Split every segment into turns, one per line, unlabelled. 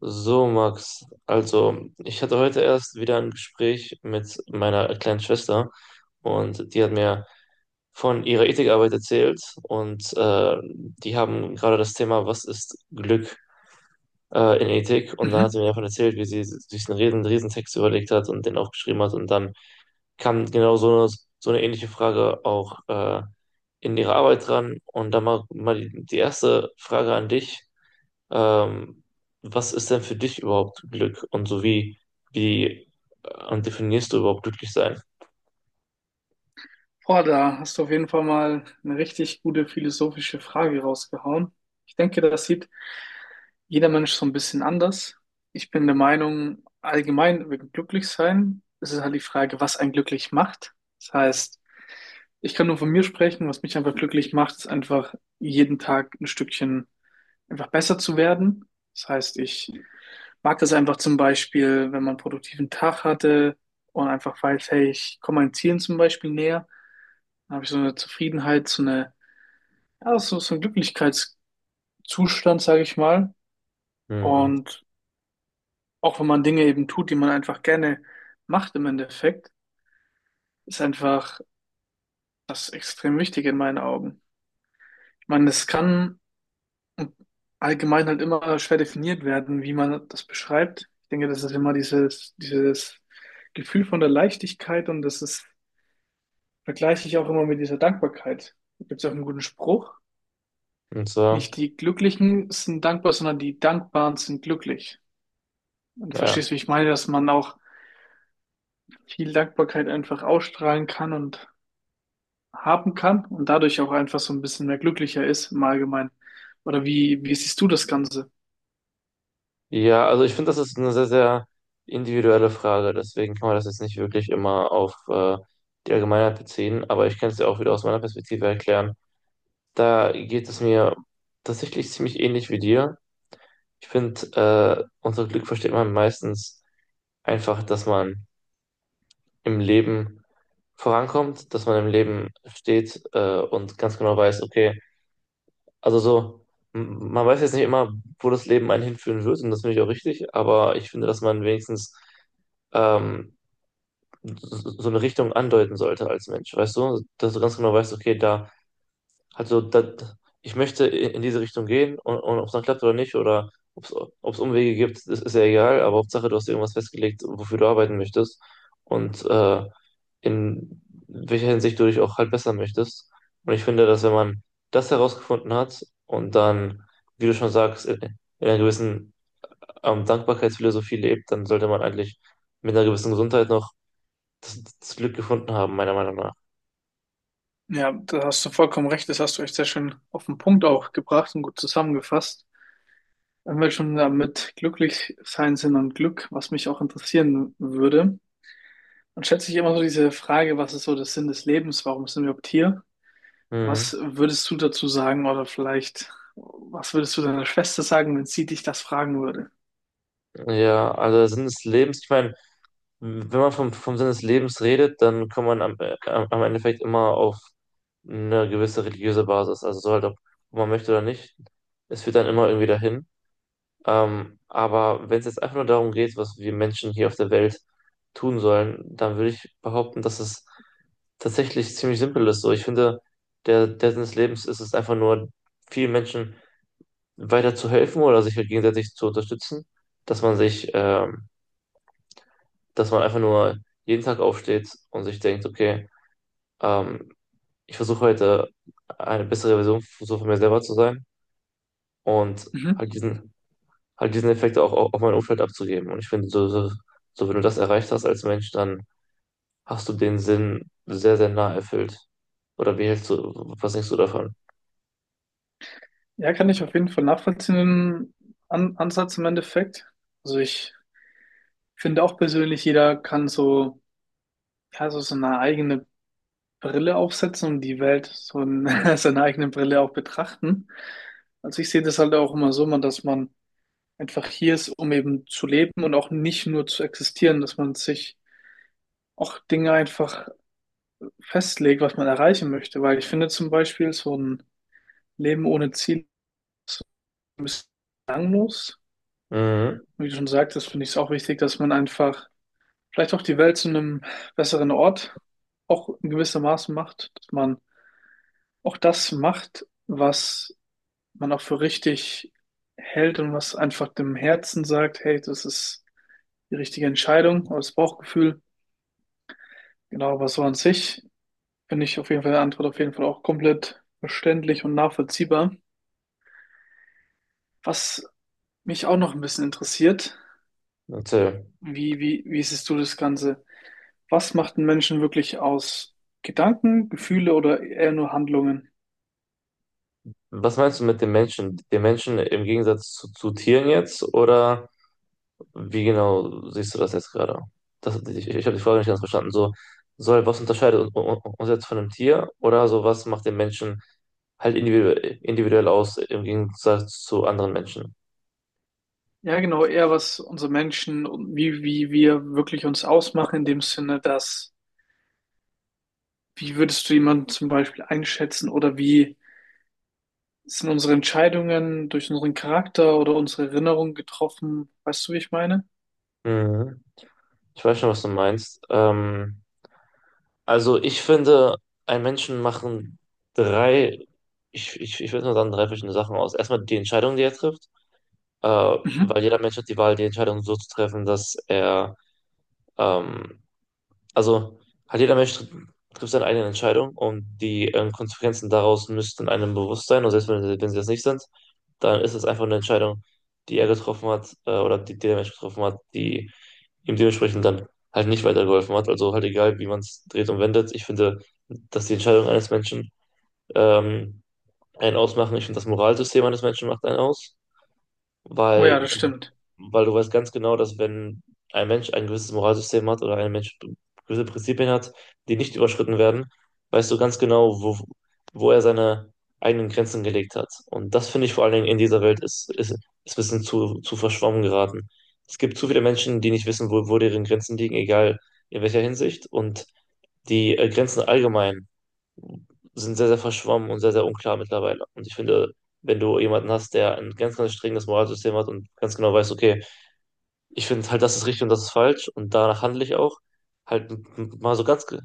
So, Max, also ich hatte heute erst wieder ein Gespräch mit meiner kleinen Schwester und die hat mir von ihrer Ethikarbeit erzählt und die haben gerade das Thema, was ist Glück in Ethik, und dann hat
Mhm.
sie mir davon erzählt, wie sie sich einen riesen, riesen Text überlegt hat und den aufgeschrieben hat, und dann kam genau so eine ähnliche Frage auch in ihre Arbeit dran, und dann mal die erste Frage an dich. Ähm, Was ist denn für dich überhaupt Glück? Und so wie definierst du überhaupt glücklich sein?
Boah, da hast du auf jeden Fall mal eine richtig gute philosophische Frage rausgehauen. Ich denke, das sieht jeder Mensch so ein bisschen anders. Ich bin der Meinung, allgemein wegen Glücklichsein ist es halt die Frage, was einen glücklich macht. Das heißt, ich kann nur von mir sprechen, was mich einfach glücklich macht, ist einfach jeden Tag ein Stückchen einfach besser zu werden. Das heißt, ich mag das einfach zum Beispiel, wenn man einen produktiven Tag hatte und einfach weiß, hey, ich komme meinen Zielen zum Beispiel näher. Dann habe ich so eine Zufriedenheit, so eine, ja, so, so ein Glücklichkeitszustand, sage ich mal.
Hm.
Und auch wenn man Dinge eben tut, die man einfach gerne macht im Endeffekt, ist einfach das extrem wichtig in meinen Augen. Ich meine, es kann allgemein halt immer schwer definiert werden, wie man das beschreibt. Ich denke, das ist immer dieses Gefühl von der Leichtigkeit, und das ist, vergleiche ich auch immer mit dieser Dankbarkeit. Da gibt es auch einen guten Spruch.
Und
Nicht
so,
die Glücklichen sind dankbar, sondern die Dankbaren sind glücklich. Und
ja.
verstehst, du, wie ich meine, dass man auch viel Dankbarkeit einfach ausstrahlen kann und haben kann und dadurch auch einfach so ein bisschen mehr glücklicher ist im Allgemeinen. Oder wie siehst du das Ganze?
Ja, also ich finde, das ist eine sehr, sehr individuelle Frage. Deswegen kann man das jetzt nicht wirklich immer auf die Allgemeinheit beziehen. Aber ich kann es dir auch wieder aus meiner Perspektive erklären. Da geht es mir tatsächlich ziemlich ähnlich wie dir. Ich finde, unter Glück versteht man meistens einfach, dass man im Leben vorankommt, dass man im Leben steht und ganz genau weiß, okay, also so, man weiß jetzt nicht immer, wo das Leben einen hinführen wird, und das finde ich auch richtig, aber ich finde, dass man wenigstens ähm, so so eine Richtung andeuten sollte als Mensch, weißt du, dass du ganz genau weißt, okay, da, also da, ich möchte in diese Richtung gehen, und ob es dann klappt oder nicht oder ob es Umwege gibt, das ist ja egal, aber Hauptsache, du hast irgendwas festgelegt, wofür du arbeiten möchtest und in welcher Hinsicht du dich auch halt besser möchtest. Und ich finde, dass wenn man das herausgefunden hat und dann, wie du schon sagst, in einer gewissen Dankbarkeitsphilosophie lebt, dann sollte man eigentlich mit einer gewissen Gesundheit noch das Glück gefunden haben, meiner Meinung nach.
Ja, da hast du vollkommen recht. Das hast du echt sehr schön auf den Punkt auch gebracht und gut zusammengefasst. Wenn wir schon damit glücklich sein sind und Glück, was mich auch interessieren würde, dann stellt sich immer so diese Frage, was ist so der Sinn des Lebens? Warum sind wir überhaupt hier?
Hm.
Was würdest du dazu sagen, oder vielleicht, was würdest du deiner Schwester sagen, wenn sie dich das fragen würde?
Ja, also der Sinn des Lebens, ich meine, wenn man vom, vom Sinn des Lebens redet, dann kommt man am, am Endeffekt immer auf eine gewisse religiöse Basis. Also so halt, ob man möchte oder nicht, es führt dann immer irgendwie dahin. Aber wenn es jetzt einfach nur darum geht, was wir Menschen hier auf der Welt tun sollen, dann würde ich behaupten, dass es tatsächlich ziemlich simpel ist. So, ich finde, der Sinn des Lebens ist es einfach nur, vielen Menschen weiter zu helfen oder sich halt gegenseitig zu unterstützen, dass man sich, dass man einfach nur jeden Tag aufsteht und sich denkt, okay, ähm, ich versuche heute eine bessere Version so von mir selber zu sein und
Mhm.
halt diesen halt diesen Effekt auch auf mein Umfeld abzugeben. Und ich finde, so, so, so wenn du das erreicht hast als Mensch, dann hast du den Sinn sehr, sehr nah erfüllt. Oder wie hältst du, was denkst du davon?
Ja, kann ich auf jeden Fall nachvollziehen, den An Ansatz im Endeffekt. Also ich finde auch persönlich, jeder kann so, ja, so seine eigene Brille aufsetzen und die Welt so in seine eigene Brille auch betrachten. Also ich sehe das halt auch immer so, man, dass man einfach hier ist, um eben zu leben und auch nicht nur zu existieren, dass man sich auch Dinge einfach festlegt, was man erreichen möchte, weil ich finde zum Beispiel so ein Leben ohne Ziel ein bisschen langlos.
Mhm.
Wie du schon sagtest, finde ich es auch wichtig, dass man einfach vielleicht auch die Welt zu einem besseren Ort auch in gewissem Maße macht, dass man auch das macht, was man auch für richtig hält und was einfach dem Herzen sagt, hey, das ist die richtige Entscheidung oder das Bauchgefühl. Genau, aber so an sich finde ich auf jeden Fall die Antwort auf jeden Fall auch komplett verständlich und nachvollziehbar. Was mich auch noch ein bisschen interessiert:
Erzähl.
Wie siehst du das Ganze? Was macht einen Menschen wirklich aus? Gedanken, Gefühle oder eher nur Handlungen?
Was meinst du mit den Menschen? Den Menschen im Gegensatz zu Tieren jetzt? Oder wie genau siehst du das jetzt gerade? Das, ich habe die Frage nicht ganz verstanden. So, so halt, was unterscheidet uns jetzt von einem Tier? Oder so, was macht den Menschen halt individuell aus im Gegensatz zu anderen Menschen?
Ja, genau, eher was unsere Menschen und wie wir wirklich uns ausmachen, in dem Sinne, dass, wie würdest du jemanden zum Beispiel einschätzen, oder wie sind unsere Entscheidungen durch unseren Charakter oder unsere Erinnerungen getroffen? Weißt du, wie ich meine?
Mhm. Ich weiß schon, was du meinst. Also ich finde, ein Menschen machen drei, ich würde mal sagen, drei verschiedene Sachen aus. Erstmal die Entscheidung, die er trifft,
Mhm.
weil jeder Mensch hat die Wahl, die Entscheidung so zu treffen, dass er ähm, also halt jeder Mensch trifft seine eigenen Entscheidungen und die Konsequenzen daraus müssten einem bewusst sein. Und selbst wenn, wenn sie das nicht sind, dann ist es einfach eine Entscheidung, die er getroffen hat oder die, die der Mensch getroffen hat, die ihm dementsprechend dann halt nicht weitergeholfen hat. Also halt egal, wie man es dreht und wendet. Ich finde, dass die Entscheidung eines Menschen ähm, einen ausmachen. Ich finde, das Moralsystem eines Menschen macht einen aus,
Oh ja,
weil,
das stimmt.
weil du weißt ganz genau, dass wenn ein Mensch ein gewisses Moralsystem hat oder ein Mensch gewisse Prinzipien hat, die nicht überschritten werden, weißt du ganz genau, wo, wo er seine eigenen Grenzen gelegt hat. Und das finde ich vor allen Dingen in dieser Welt ist, ist ein bisschen zu verschwommen geraten. Es gibt zu viele Menschen, die nicht wissen, wo deren Grenzen liegen, egal in welcher Hinsicht, und die Grenzen allgemein sind sehr, sehr verschwommen und sehr, sehr unklar mittlerweile. Und ich finde, wenn du jemanden hast, der ein ganz, ganz strenges Moralsystem hat und ganz genau weiß, okay, ich finde halt, das ist richtig und das ist falsch und danach handle ich auch, halt mal so ganz,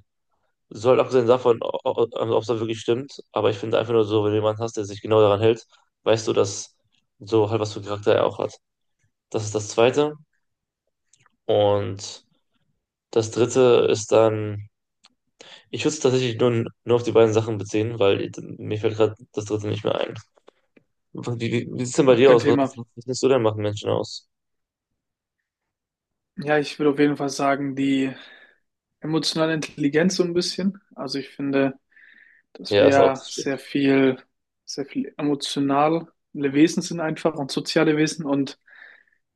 so halt abgesehen davon, ob es da wirklich stimmt, aber ich finde einfach nur so, wenn du jemanden hast, der sich genau daran hält, weißt du, dass so halt was für Charakter er auch hat. Das ist das Zweite. Und das Dritte ist dann, ich würde es tatsächlich nur auf die beiden Sachen beziehen, weil mir fällt gerade das Dritte nicht mehr ein. Wie sieht's denn bei
Ach,
dir
kein
aus?
Thema.
Was lässt du denn machen, Menschen aus?
Ja, ich würde auf jeden Fall sagen, die emotionale Intelligenz so ein bisschen. Also ich finde, dass
Ja,
wir
ist auch,
ja
das
sehr
stimmt.
viel, sehr viel emotionale Wesen sind einfach und soziale Wesen, und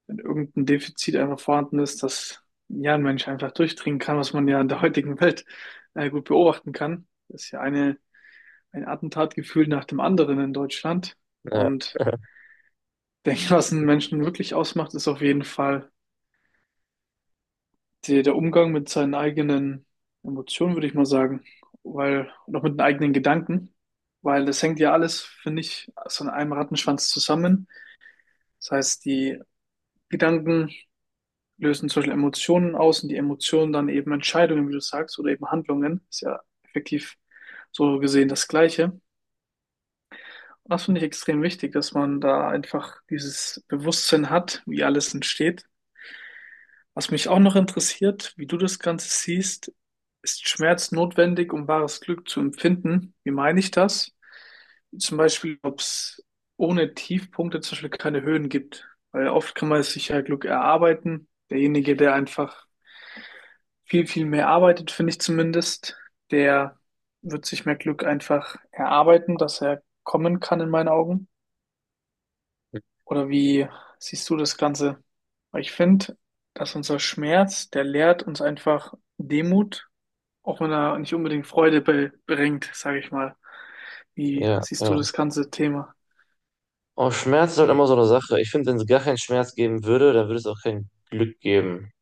wenn irgendein Defizit einfach vorhanden ist, dass ja ein Mensch einfach durchdringen kann, was man ja in der heutigen Welt gut beobachten kann. Das ist ja eine, ein Attentatgefühl nach dem anderen in Deutschland.
Ja,
Und ich denke, was einen Menschen wirklich ausmacht, ist auf jeden Fall die, der Umgang mit seinen eigenen Emotionen, würde ich mal sagen, weil, und auch mit den eigenen Gedanken, weil das hängt ja alles, finde ich, so in einem Rattenschwanz zusammen. Das heißt, die Gedanken lösen zum Beispiel Emotionen aus und die Emotionen dann eben Entscheidungen, wie du sagst, oder eben Handlungen. Ist ja effektiv so gesehen das Gleiche. Und das finde ich extrem wichtig, dass man da einfach dieses Bewusstsein hat, wie alles entsteht. Was mich auch noch interessiert, wie du das Ganze siehst: ist Schmerz notwendig, um wahres Glück zu empfinden? Wie meine ich das? Zum Beispiel, ob es ohne Tiefpunkte zum Beispiel keine Höhen gibt. Weil oft kann man sich ja Glück erarbeiten. Derjenige, der einfach viel mehr arbeitet, finde ich zumindest, der wird sich mehr Glück einfach erarbeiten, dass er kommen kann in meinen Augen. Oder wie siehst du das Ganze? Weil ich finde, dass unser Schmerz, der lehrt uns einfach Demut, auch wenn er nicht unbedingt Freude be bringt, sage ich mal. Wie
ja,
siehst du
ja.
das ganze Thema?
Oh, Schmerz ist halt immer so eine Sache. Ich finde, wenn es gar keinen Schmerz geben würde, dann würde es auch kein Glück geben.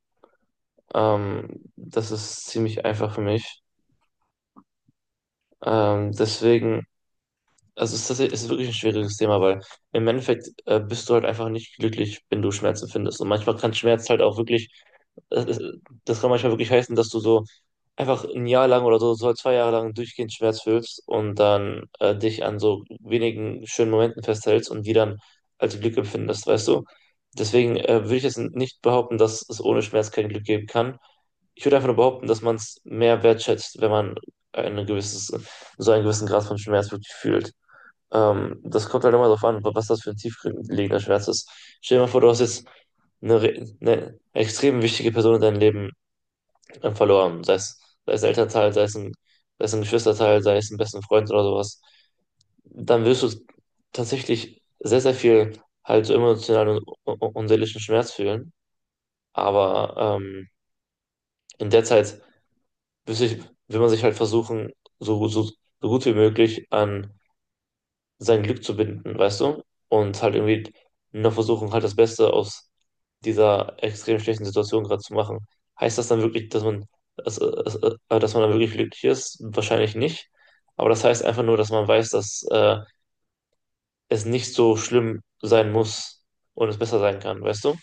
Ähm, das ist ziemlich einfach für mich. Deswegen. Also es ist, tatsächlich- es ist wirklich ein schwieriges Thema, weil im Endeffekt bist du halt einfach nicht glücklich, wenn du Schmerzen findest. Und manchmal kann Schmerz halt auch wirklich, das das kann manchmal wirklich heißen, dass du so einfach 1 Jahr lang oder so, so 2 Jahre lang durchgehend Schmerz fühlst und dann dich an so wenigen schönen Momenten festhältst und die dann als Glück empfindest, weißt du? Deswegen würde ich jetzt nicht behaupten, dass es ohne Schmerz kein Glück geben kann. Ich würde einfach nur behaupten, dass man es mehr wertschätzt, wenn man eine gewisses, so einen gewissen Grad von Schmerz wirklich fühlt. Das kommt halt immer darauf an, was das für ein tiefgelegender Schmerz ist. Stell dir mal vor, du hast jetzt eine, eine extrem wichtige Person in deinem Leben verloren. Sei es ein Elternteil, sei es ein Geschwisterteil, sei es ein besten Freund oder sowas. Dann wirst du tatsächlich sehr, sehr viel halt so emotionalen und, und seelischen Schmerz fühlen. Aber in der Zeit will, sich, will man sich halt versuchen, so gut wie möglich an sein Glück zu binden, weißt du? Und halt irgendwie noch versuchen, halt das Beste aus dieser extrem schlechten Situation gerade zu machen. Heißt das dann wirklich, dass man, dass, äh, dass man dann wirklich glücklich ist? Wahrscheinlich nicht. Aber das heißt einfach nur, dass man weiß, dass es nicht so schlimm sein muss und es besser sein kann, weißt du?